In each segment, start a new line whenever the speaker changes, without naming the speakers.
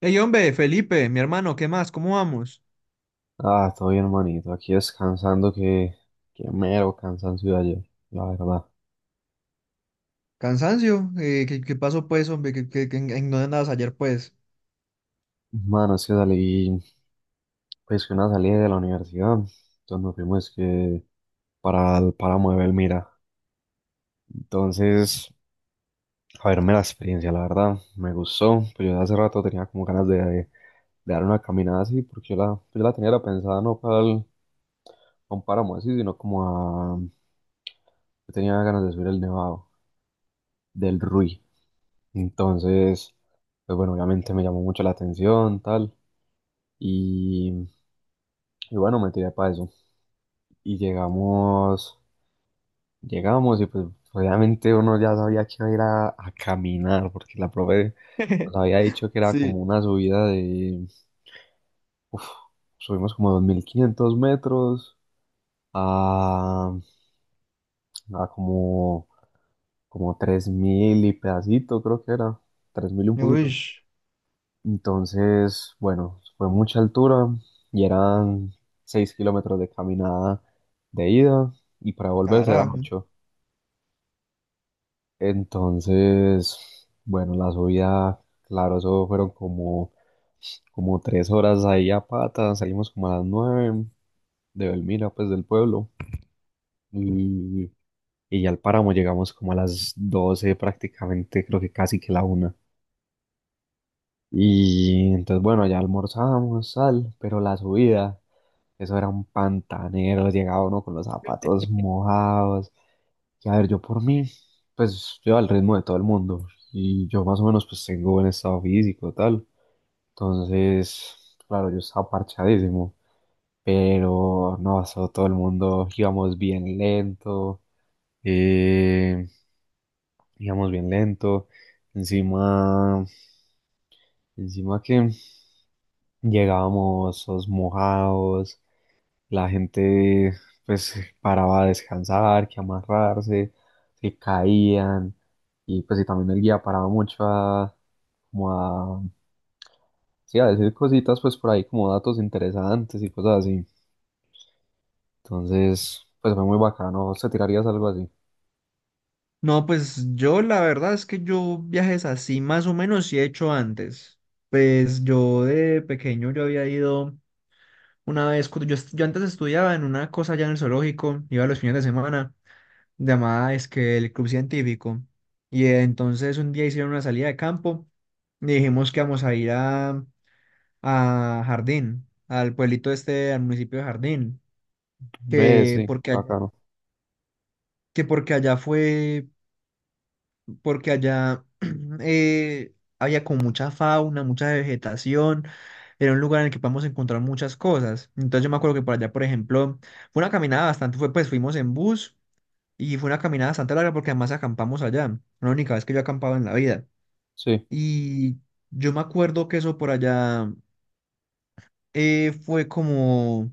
Hey, hombre, Felipe, mi hermano, ¿qué más? ¿Cómo vamos?
Ah, todo bien, manito. Aquí descansando, que mero cansancio de ayer, la verdad.
Cansancio, ¿qué pasó pues, hombre? ¿En dónde andabas ayer pues?
Mano, es que salí, pues que una salida de la universidad. Entonces nos fuimos que para el páramo de Belmira. Entonces, a verme la experiencia, la verdad, me gustó. Pues yo hace rato tenía como ganas de dar una caminada así, porque yo la tenía era pensada no a un páramo así, sino como a... Yo tenía ganas de subir el nevado del Ruiz. Entonces, pues bueno, obviamente me llamó mucho la atención, tal. Y, y bueno, me tiré para eso. Y llegamos, Llegamos y pues obviamente uno ya sabía que iba a ir a caminar porque la profe nos había dicho que era como
Sí.
una subida de, uf, subimos como 2.500 metros a, a como, como 3.000 y pedacito creo que era, 3.000 y un poquito.
Uy,
Entonces, bueno, fue mucha altura y eran 6 kilómetros de caminada de ida y para volverse eran
carajo.
8. Entonces, bueno, la subida, claro, eso fueron como, como 3 horas ahí a pata. Salimos como a las 9 de Belmira, pues del pueblo. Y, y ya al páramo llegamos como a las 12 prácticamente, creo que casi que la una. Y entonces, bueno, ya almorzamos, tal, pero la subida. Eso era un pantanero, llegaba uno con los zapatos mojados. Y a ver, yo por mí, pues yo al ritmo de todo el mundo. Y yo más o menos pues tengo buen estado físico, tal. Entonces, claro, yo estaba parchadísimo. Pero no, eso, todo el mundo íbamos bien lento. eh, Íbamos bien lento. Encima, Encima que llegábamos todos mojados. La gente pues paraba a descansar, que amarrarse, se caían y pues y también el guía paraba mucho a como a sí, a decir cositas pues por ahí como datos interesantes y cosas así. Entonces, pues fue muy bacano. ¿Vos te tirarías algo así?
No, pues yo la verdad es que yo viajes así más o menos sí he hecho antes. Pues yo de pequeño yo había ido una vez, cuando yo antes estudiaba en una cosa allá en el zoológico, iba los fines de semana, llamada es que el club científico. Y entonces un día hicieron una salida de campo y dijimos que vamos a ir a Jardín, al pueblito este, al municipio de Jardín,
Ve,
que
sí, qué
porque, a-
bacano.
que porque allá fue, porque allá eh, había como mucha fauna, mucha vegetación, era un lugar en el que podemos encontrar muchas cosas. Entonces yo me acuerdo que por allá, por ejemplo, fue una caminada bastante, fue, pues fuimos en bus y fue una caminada bastante larga porque además acampamos allá, fue la única vez que yo acampaba en la vida.
Sí,
Y yo me acuerdo que eso por allá fue como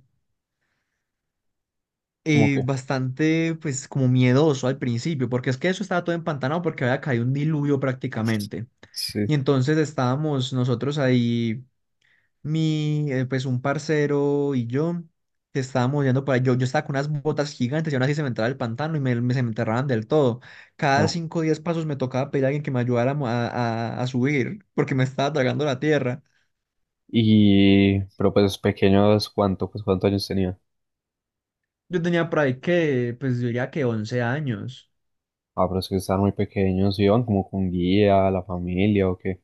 como que
bastante, pues, como miedoso al principio, porque es que eso estaba todo empantanado porque había caído un diluvio prácticamente.
sí.
Y entonces estábamos nosotros ahí, pues, un parcero y yo, que estábamos yendo yo estaba con unas botas gigantes y aún así se me entraba el pantano y se me enterraban del todo. Cada
Ah,
5 o 10 pasos me tocaba pedir a alguien que me ayudara a, mo- a subir, porque me estaba tragando la tierra.
y pero pues pequeños, ¿cuánto? ¿Pues cuántos años tenía?
Yo tenía por ahí que, pues, yo diría que 11 años.
Ah, pero es que estaban muy pequeños, iban como con guía, la familia o qué.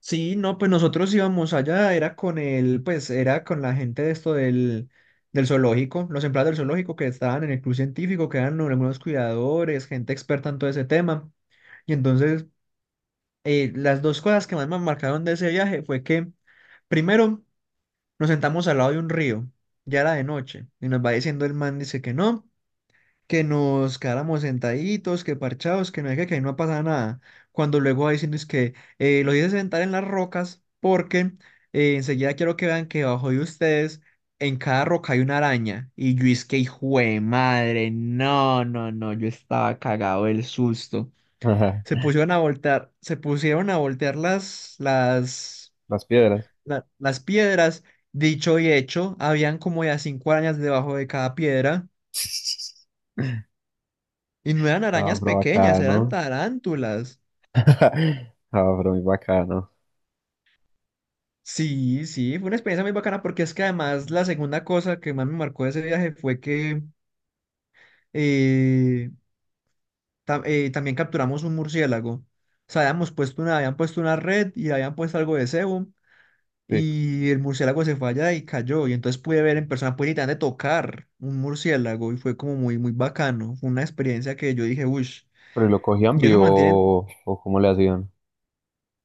Sí, no, pues nosotros íbamos allá, era con la gente de esto del zoológico, los empleados del zoológico que estaban en el club científico, que eran algunos cuidadores, gente experta en todo ese tema. Y entonces, las dos cosas que más me marcaron de ese viaje fue que, primero, nos sentamos al lado de un río, ya era de noche, y nos va diciendo el man, dice que no, que nos quedáramos sentaditos, que parchados, que no hay que ahí no pasa nada. Cuando luego va diciendo, es que los hice sentar en las rocas porque enseguida quiero que vean que debajo de ustedes en cada roca hay una araña. Y yo es que hijo de madre, no, no, no, yo estaba cagado del susto.
Ajá.
Se pusieron a voltear, se pusieron a voltear las, las,
Las piedras.
la- las piedras. Dicho y hecho, habían como ya cinco arañas debajo de cada piedra. Y no eran
No, muy
arañas
pero
pequeñas, eran
bacano.
tarántulas.
No, pero muy bacano.
Sí, sí, fue una experiencia muy bacana porque es que además la segunda cosa que más me marcó de ese viaje fue que eh, también capturamos un murciélago. O sea, habían puesto una red y habían puesto algo de cebo
Sí.
y el murciélago se fue allá y cayó. Y entonces pude ver en persona, pude literalmente tocar un murciélago y fue como muy, muy bacano. Fue una experiencia que yo dije, uff,
Pero ¿y lo cogían
y eso mantienen
vivo o cómo le hacían?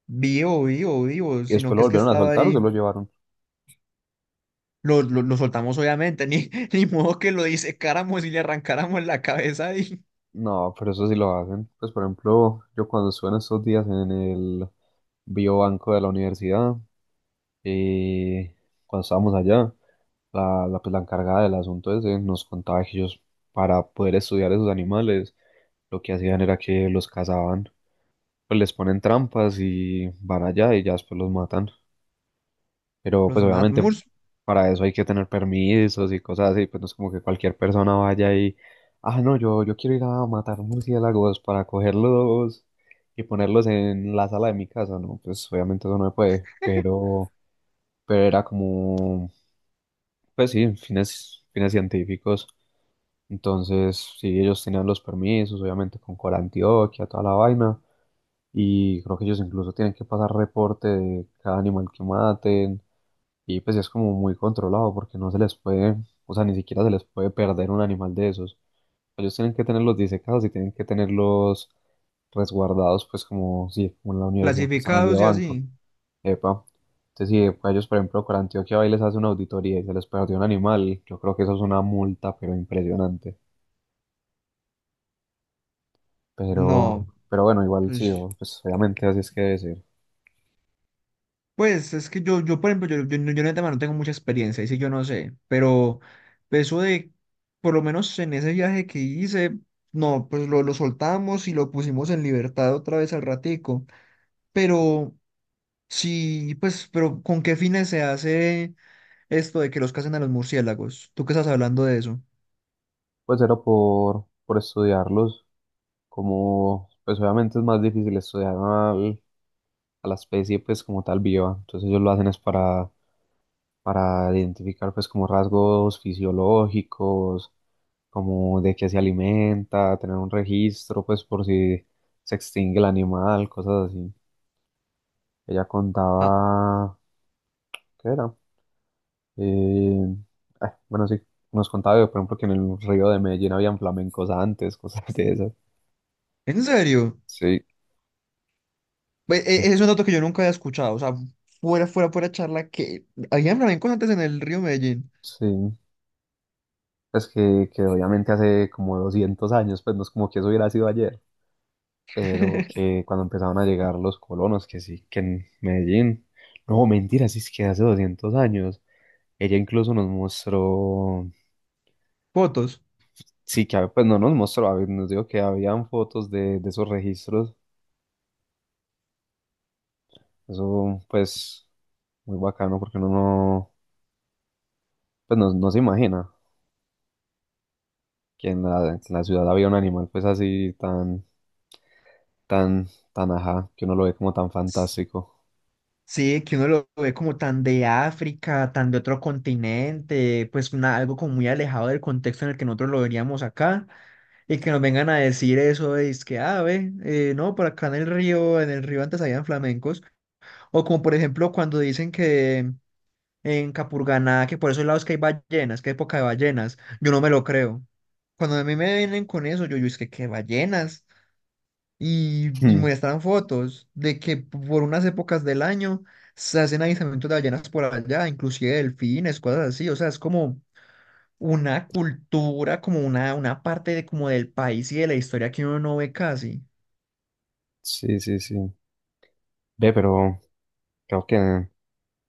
vivo, vivo, vivo,
¿Y
sino
después
que
lo
es que
volvieron a
estaba
soltar o se
ahí.
lo llevaron?
Lo soltamos obviamente, ni, ni modo que lo disecáramos y le arrancáramos la cabeza y
No, pero eso sí lo hacen. Pues por ejemplo, yo cuando estuve en estos días en el biobanco de la universidad, y cuando estábamos allá, la encargada del asunto ese nos contaba que ellos, para poder estudiar esos animales, lo que hacían era que los cazaban. Pues les ponen trampas y van allá y ya después los matan. Pero
los
pues
Mad
obviamente para eso hay que tener permisos y cosas así, pues no es como que cualquier persona vaya y, ah, no, yo quiero ir a matar murciélagos para cogerlos y ponerlos en la sala de mi casa, ¿no? Pues obviamente eso no se puede, pero era como, pues sí, fines científicos. Entonces, sí, ellos tenían los permisos, obviamente con Corantioquia, toda la vaina. Y creo que ellos incluso tienen que pasar reporte de cada animal que maten y pues es como muy controlado porque no se les puede, o sea, ni siquiera se les puede perder un animal de esos. Ellos tienen que tenerlos disecados y tienen que tenerlos resguardados pues como, sí, como en la Universidad de San Luis de
clasificados y
Banco.
así.
Epa. Entonces, si pues, ellos, por ejemplo, por Antioquia va y les hace una auditoría y se les perdió un animal, yo creo que eso es una multa, pero impresionante. Pero,
No,
pero bueno, igual sí,
pues,
o- pues obviamente así es que debe ser.
es que yo por ejemplo, yo en el tema no tengo mucha experiencia, y sí, yo no sé, pero eso de, por lo menos en ese viaje que hice, no, pues lo soltamos y lo pusimos en libertad otra vez al ratico, pero sí, pues, pero ¿con qué fines se hace esto de que los casen a los murciélagos? ¿Tú qué estás hablando de eso?
Pues era por estudiarlos, como pues obviamente es más difícil estudiar al- a la especie pues como tal viva, entonces ellos lo hacen es para identificar pues como rasgos fisiológicos, como de qué se alimenta, tener un registro pues por si se extingue el animal, cosas así. Ella contaba, ¿qué era? Eh, ah, bueno, sí, nos contaba por ejemplo que en el río de Medellín habían flamencos antes, cosas de esas.
¿En serio?
Sí.
Ve, es un dato que yo nunca había escuchado. O sea, fuera charla que había flamencos antes en el río Medellín.
Sí, es que obviamente hace como 200 años, pues no es como que eso hubiera sido ayer, pero que cuando empezaron a llegar los colonos, que sí, que en Medellín, no, mentira, sí es que hace 200 años, ella incluso nos mostró,
Fotos.
sí, que hab- pues no nos mostró, a ver, nos dijo que habían fotos de esos registros, eso pues muy bacano porque uno no, pues no, no se imagina que en la ciudad había un animal pues así tan, tan, tan ajá, que uno lo ve como tan fantástico.
Sí, que uno lo ve como tan de África, tan de otro continente, pues algo como muy alejado del contexto en el que nosotros lo veríamos acá, y que nos vengan a decir eso, es que, ah, ve, no, por acá en el río antes habían flamencos, o como por ejemplo cuando dicen que en Capurganá, que por esos lados que hay ballenas, que hay época de ballenas. Yo no me lo creo. Cuando a mí me vienen con eso, yo es que qué ballenas. Y
Hmm.
muestran fotos de que por unas épocas del año se hacen avistamientos de ballenas por allá, inclusive delfines, cosas así. O sea, es como una cultura, como una parte de, como del país y de la historia que uno no ve casi.
Sí, sí, sí. Ve, pero creo que...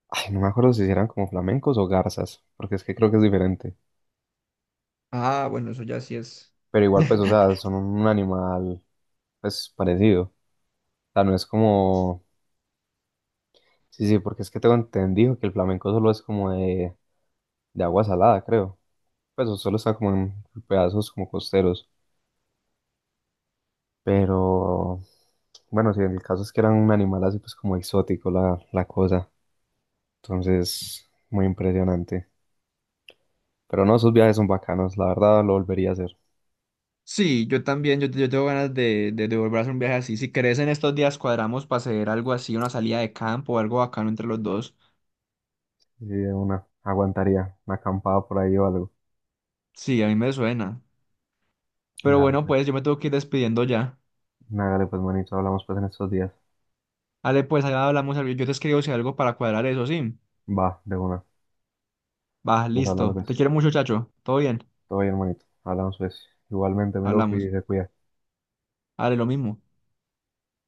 Ay, no me acuerdo si eran como flamencos o garzas, porque es que creo que es diferente.
Ah, bueno, eso ya sí es.
Pero igual, pues, o sea, son un animal, pues, parecido. O sea, no es como... Sí, sí, porque es que tengo entendido que el flamenco solo es como de agua salada, creo. Pues, o solo está como en pedazos como costeros. Pero... Bueno, sí, el caso es que eran un animal así, pues, como exótico la cosa. Entonces, muy impresionante. Pero no, esos viajes son bacanos, la verdad lo volvería a hacer.
Sí, yo también, yo tengo ganas de volver a hacer un viaje así. Si querés, en estos días cuadramos para hacer algo así, una salida de campo o algo bacano entre los dos.
Sí, de una, aguantaría una acampada por ahí o algo.
Sí, a mí me suena. Pero
Dale,
bueno, pues yo
pues.
me tengo que ir despidiendo ya.
Hágale, pues, manito, hablamos pues en estos días.
Ale, pues allá hablamos, yo te escribo si hay algo para cuadrar eso, sí.
Va, de una.
Va,
Vamos hablando
listo. Te
pues.
quiero mucho, chacho. Todo bien,
Todo bien, manito. Hablamos pues. Igualmente, mi loco, y
hablamos.
se cuida.
Ale, lo mismo.